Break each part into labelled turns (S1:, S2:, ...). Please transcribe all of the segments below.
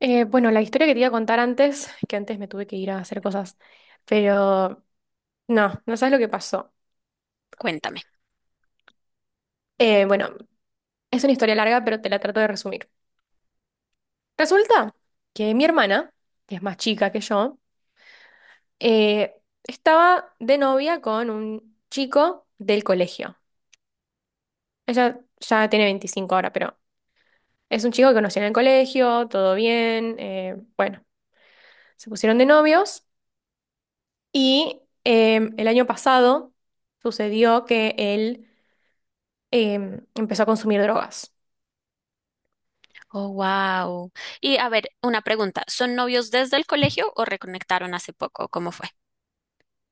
S1: Bueno, la historia que te iba a contar antes, que antes me tuve que ir a hacer cosas, pero no sabes lo que pasó.
S2: Cuéntame.
S1: Eh, bueno, es una historia larga, pero te la trato de resumir. Resulta que mi hermana, que es más chica que yo, eh, estaba de novia con un chico del colegio. Ella ya tiene 25 ahora, pero es un chico que conocí en el colegio, todo bien, bueno, se pusieron de novios y el año pasado sucedió que él empezó a consumir drogas.
S2: Oh, wow. Y a ver, una pregunta. ¿Son novios desde el colegio o reconectaron hace poco? ¿Cómo fue?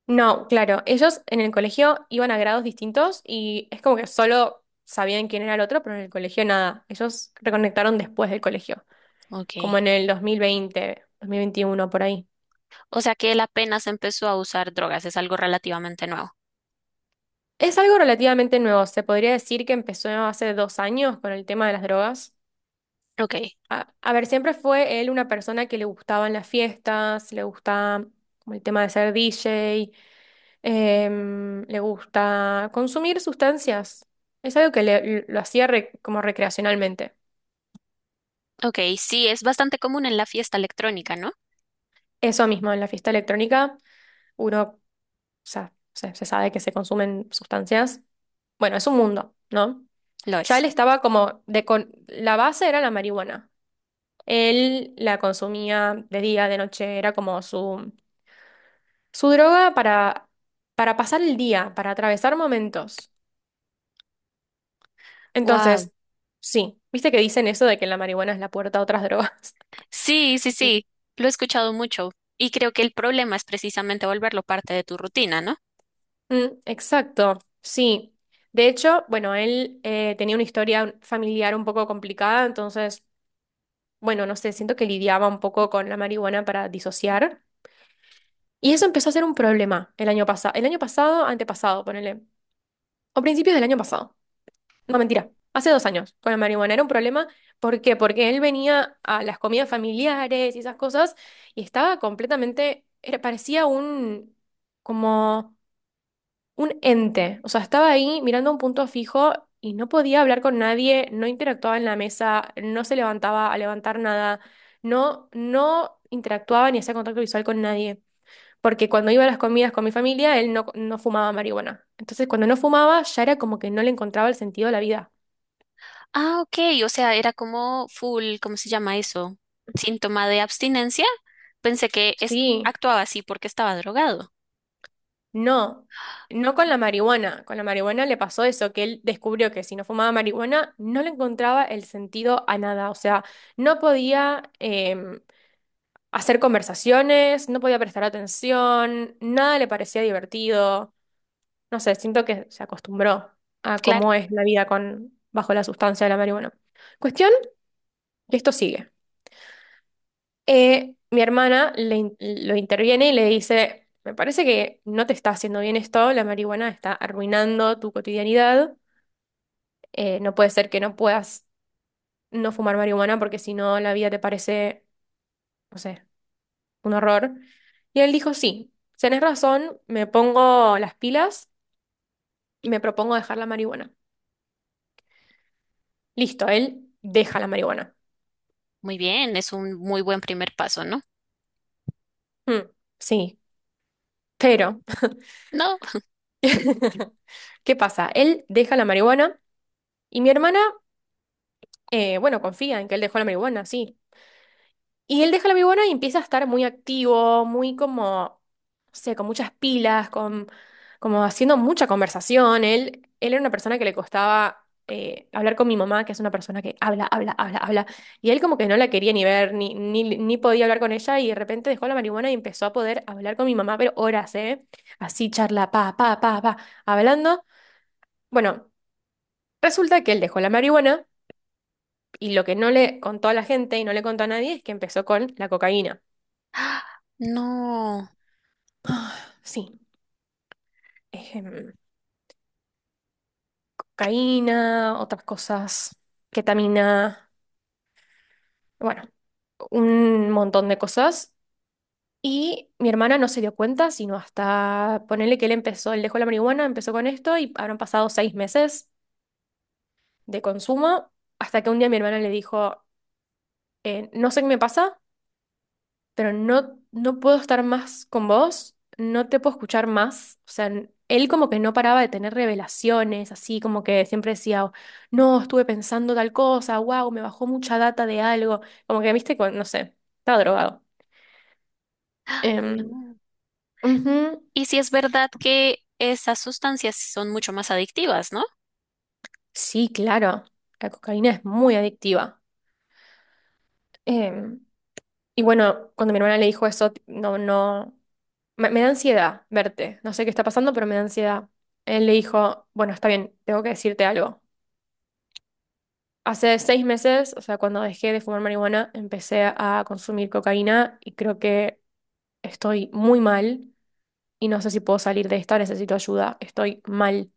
S1: No, claro, ellos en el colegio iban a grados distintos y es como que solo sabían quién era el otro, pero en el colegio nada. Ellos reconectaron después del colegio,
S2: Ok.
S1: como en el dos mil veinte, 2021 por ahí.
S2: O sea que él apenas empezó a usar drogas, es algo relativamente nuevo.
S1: Es algo relativamente nuevo, se podría decir que empezó hace 2 años con el tema de las drogas.
S2: Ok.
S1: A ver, siempre fue él una persona que le gustaban las fiestas, le gustaba como el tema de ser DJ. Le gusta consumir sustancias. Es algo que lo hacía como recreacionalmente.
S2: Ok, sí, es bastante común en la fiesta electrónica, ¿no?
S1: Eso mismo, en la fiesta electrónica uno, o sea, se sabe que se consumen sustancias. Bueno, es un mundo, ¿no?
S2: Lo
S1: Ya él
S2: es.
S1: estaba como la base era la marihuana. Él la consumía de día, de noche, era como su droga para pasar el día, para atravesar momentos.
S2: Wow.
S1: Entonces, sí, viste que dicen eso de que la marihuana es la puerta a otras drogas.
S2: Sí, sí,
S1: de-
S2: sí. Lo he escuchado mucho. Y creo que el problema es precisamente volverlo parte de tu rutina, ¿no?
S1: Mm, exacto, sí. De hecho, bueno, él tenía una historia familiar un poco complicada, entonces, bueno, no sé, siento que lidiaba un poco con la marihuana para disociar. Y eso empezó a ser un problema el año pasado, antepasado, ponele, o principios del año pasado. No, mentira, hace 2 años con la marihuana era un problema. ¿Por qué? Porque él venía a las comidas familiares y esas cosas y estaba completamente, parecía un, como un ente. O sea, estaba ahí mirando un punto fijo y no podía hablar con nadie, no interactuaba en la mesa, no se levantaba a levantar nada, no interactuaba ni hacía contacto visual con nadie. Porque cuando iba a las comidas con mi familia, él no fumaba marihuana. Entonces, cuando no fumaba, ya era como que no le encontraba el sentido a la vida.
S2: Ah, ok, o sea, era como full, ¿cómo se llama eso? Síntoma de abstinencia. Pensé que
S1: Sí,
S2: actuaba así porque estaba drogado.
S1: no. No con la
S2: Ah,
S1: marihuana. Con la marihuana le pasó eso, que él descubrió que si no fumaba marihuana, no le encontraba el sentido a nada. O sea, no podía, hacer conversaciones, no podía prestar atención, nada le parecía divertido. No sé, siento que se acostumbró a
S2: claro,
S1: cómo es la vida con, bajo la sustancia de la marihuana. Cuestión que esto sigue. Mi hermana lo interviene y le dice, me parece que no te está haciendo bien esto, la marihuana está arruinando tu cotidianidad, no puede ser que no puedas no fumar marihuana porque si no la vida te parece, no sé, un horror. Y él dijo, sí, tenés razón, me pongo las pilas y me propongo dejar la marihuana. Listo, él deja la marihuana.
S2: muy bien, es un muy buen primer paso, ¿no?
S1: Mm, sí, pero,
S2: No,
S1: ¿qué pasa? Él deja la marihuana y mi hermana, bueno, confía en que él dejó la marihuana, sí. Y él deja la marihuana y empieza a estar muy activo, muy como, no sé, con muchas pilas, con, como haciendo mucha conversación. Él era una persona que le costaba hablar con mi mamá, que es una persona que habla, habla, habla, habla. Y él como que no la quería ni ver, ni podía hablar con ella y de repente dejó la marihuana y empezó a poder hablar con mi mamá, pero horas, ¿eh? Así charla, pa, pa, pa, pa, hablando. Bueno, resulta que él dejó la marihuana y lo que no le contó a la gente y no le contó a nadie es que empezó con la cocaína.
S2: ah, no,
S1: Ah, sí, ejem, cocaína, otras cosas, ketamina, bueno, un montón de cosas. Y mi hermana no se dio cuenta, sino hasta ponerle que él empezó, él dejó la marihuana, empezó con esto y habrán pasado 6 meses de consumo, hasta que un día mi hermana le dijo, no sé qué me pasa, pero no puedo estar más con vos, no te puedo escuchar más. O sea, él como que no paraba de tener revelaciones, así como que siempre decía, "Oh, no, estuve pensando tal cosa, wow, me bajó mucha data de algo". Como que, viste, no sé, estaba drogado. Em,
S2: no.
S1: ujú.
S2: Y si es verdad que esas sustancias son mucho más adictivas, ¿no?
S1: Sí, claro, la cocaína es muy adictiva. Em, y bueno, cuando mi hermana le dijo eso, no, no, me da ansiedad verte, no sé qué está pasando, pero me da ansiedad. Él le dijo, bueno, está bien, tengo que decirte algo. Hace 6 meses, o sea, cuando dejé de fumar marihuana, empecé a consumir cocaína y creo que estoy muy mal y no sé si puedo salir de esta, necesito ayuda, estoy mal.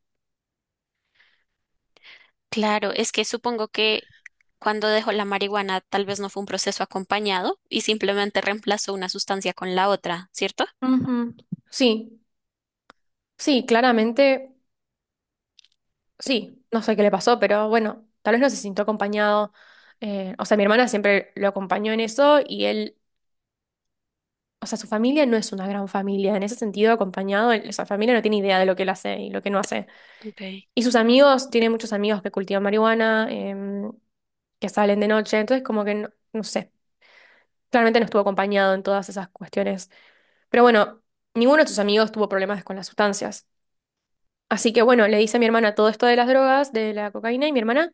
S2: Claro, es que supongo que cuando dejó la marihuana tal vez no fue un proceso acompañado y simplemente reemplazó una sustancia con la otra, ¿cierto?
S1: Ujú. Sí, sí, claramente, sí, no sé qué le pasó, pero bueno, tal vez no se sintió acompañado. O sea, mi hermana siempre lo acompañó en eso y él, o sea, su familia no es una gran familia, en ese sentido, acompañado, esa familia no tiene idea de lo que él hace y lo que no hace.
S2: Okay.
S1: Y sus amigos, tiene muchos amigos que cultivan marihuana, que salen de noche, entonces como que no, no sé, claramente no estuvo acompañado en todas esas cuestiones. Pero bueno, ninguno de sus amigos tuvo problemas con las sustancias. Así que bueno, le dice a mi hermana todo esto de las drogas, de la cocaína, y mi hermana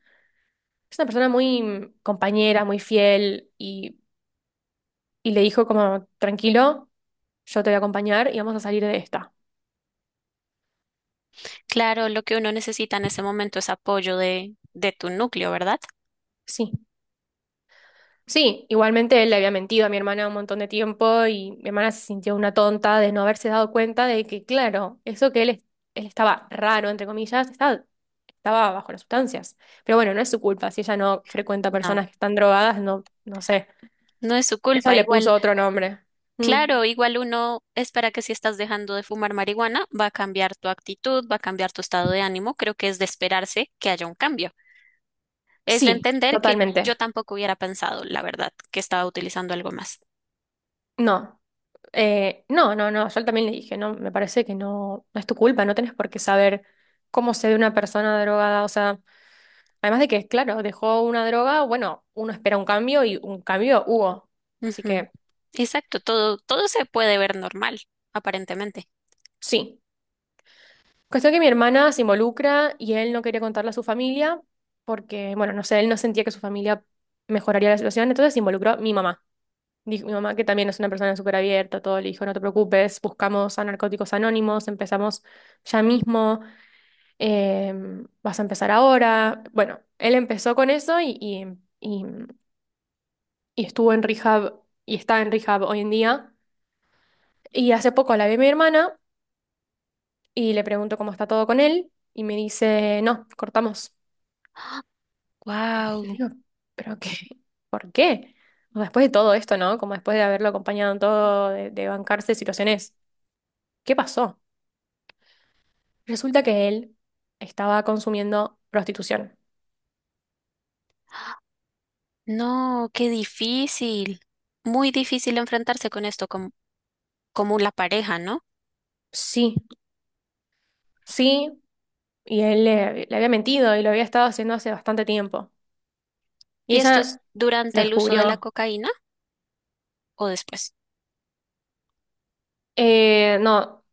S1: es una persona muy mm, compañera, muy fiel, y le dijo como, tranquilo, yo te voy a acompañar y vamos a salir de esta.
S2: Claro, lo que uno necesita en ese momento es apoyo de tu núcleo, ¿verdad?
S1: Sí. Sí, igualmente él le había mentido a mi hermana un montón de tiempo y mi hermana se sintió una tonta de no haberse dado cuenta de que, claro, eso que él, él estaba raro, entre comillas, estaba, estaba bajo las sustancias. Pero bueno, no es su culpa. Si ella no frecuenta
S2: No,
S1: personas que están drogadas, no sé.
S2: no es su
S1: Ella
S2: culpa.
S1: le
S2: Igual
S1: puso otro nombre. Mm,
S2: claro, igual uno espera que si estás dejando de fumar marihuana, va a cambiar tu actitud, va a cambiar tu estado de ánimo. Creo que es de esperarse que haya un cambio. Es de
S1: sí,
S2: entender que
S1: totalmente.
S2: yo tampoco hubiera pensado, la verdad, que estaba utilizando algo más.
S1: No. No, yo también le dije, no, me parece que no es tu culpa, no tenés por qué saber cómo se ve una persona drogada, o sea, además de que, claro, dejó una droga, bueno, uno espera un cambio y un cambio hubo. Así
S2: Ujú.
S1: que,
S2: Exacto, todo, todo se puede ver normal, aparentemente.
S1: sí. Cuestión que mi hermana se involucra y él no quería contarle a su familia porque, bueno, no sé, él no sentía que su familia mejoraría la situación, entonces se involucró mi mamá. Dijo mi mamá que también es una persona súper abierta, todo le dijo, no te preocupes, buscamos a Narcóticos Anónimos, empezamos ya mismo, eh, vas a empezar ahora. Bueno, él empezó con eso y y estuvo en rehab y está en rehab hoy en día. Y hace poco la vi a mi hermana y le pregunto cómo está todo con él y me dice, no, cortamos. Y yo
S2: Wow,
S1: digo, ¿pero qué? ¿Por qué? O sea, después de todo esto, ¿no? Como después de haberlo acompañado en todo, de bancarse situaciones. ¿Qué pasó? Resulta que él estaba consumiendo prostitución.
S2: no, qué difícil. Muy difícil enfrentarse con esto como, como la pareja, ¿no?
S1: Sí, sí, y él le había mentido y lo había estado haciendo hace bastante tiempo. Y
S2: ¿Y esto es
S1: ella
S2: durante
S1: lo
S2: el uso de la
S1: descubrió.
S2: cocaína o después?
S1: No.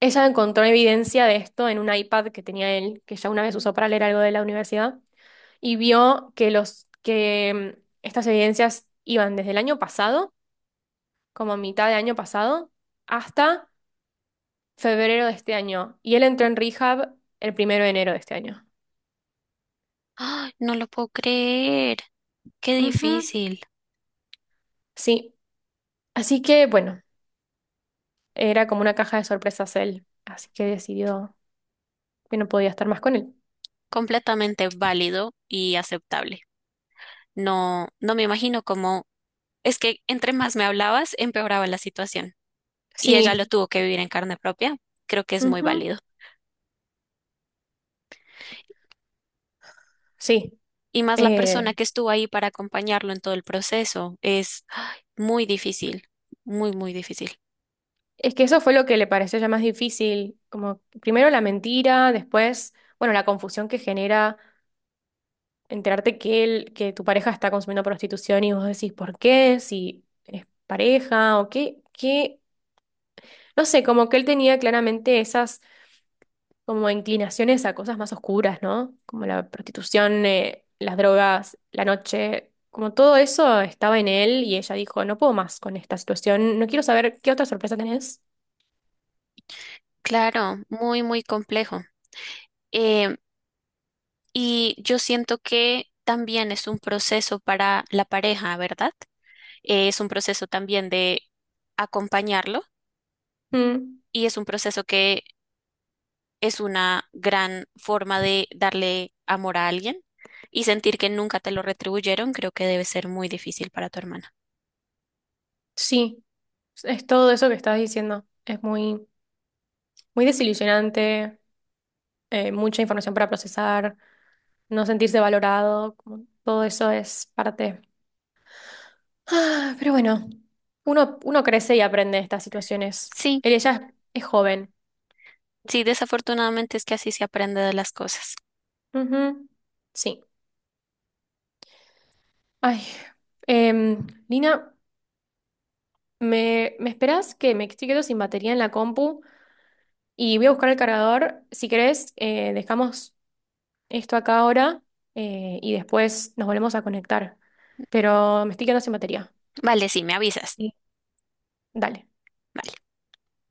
S1: Ella encontró evidencia de esto en un iPad que tenía él, que ya una vez usó para leer algo de la universidad, y vio que los que mm, estas evidencias iban desde el año pasado, como a mitad de año pasado, hasta febrero de este año. Y él entró en rehab el primero de enero de este año.
S2: ¡Ay, no lo puedo creer! Qué
S1: Ujú,
S2: difícil,
S1: sí. Así que, bueno, era como una caja de sorpresas él. Así que decidió que no podía estar más con él.
S2: completamente válido y aceptable. No, no me imagino cómo, es que entre más me hablabas, empeoraba la situación y
S1: Sí.
S2: ella lo tuvo que vivir en carne propia. Creo que es muy
S1: Ujú,
S2: válido.
S1: sí.
S2: Y más la persona
S1: Eh,
S2: que estuvo ahí para acompañarlo en todo el proceso es ay, muy difícil, muy, muy difícil.
S1: es que eso fue lo que le pareció ya más difícil, como primero la mentira, después, bueno, la confusión que genera enterarte que él, que tu pareja está consumiendo prostitución y vos decís, ¿por qué? Si es pareja o qué, qué, no sé, como que él tenía claramente esas como inclinaciones a cosas más oscuras, ¿no? Como la prostitución, las drogas, la noche, como todo eso estaba en él y ella dijo, no puedo más con esta situación, no quiero saber qué otra sorpresa tenés.
S2: Claro, muy, muy complejo. Eh, y yo siento que también es un proceso para la pareja, ¿verdad? Es un proceso también de acompañarlo
S1: Mm.
S2: y es un proceso que es una gran forma de darle amor a alguien y sentir que nunca te lo retribuyeron, creo que debe ser muy difícil para tu hermana.
S1: Sí, es todo eso que estás diciendo. Es muy, muy desilusionante, mucha información para procesar, no sentirse valorado, como todo eso es parte. Ah, pero bueno, uno crece y aprende de estas situaciones.
S2: Sí,
S1: Él ella es joven.
S2: sí, desafortunadamente es que así se aprende de las cosas.
S1: Ujú, sí. Ay, Lina, ¿ me esperás que me estoy quedando sin batería en la compu? Y voy a buscar el cargador. Si querés, dejamos esto acá ahora y después nos volvemos a conectar. Pero me estoy quedando sin batería.
S2: Vale, sí, me avisas.
S1: Sí. Dale.
S2: Vale.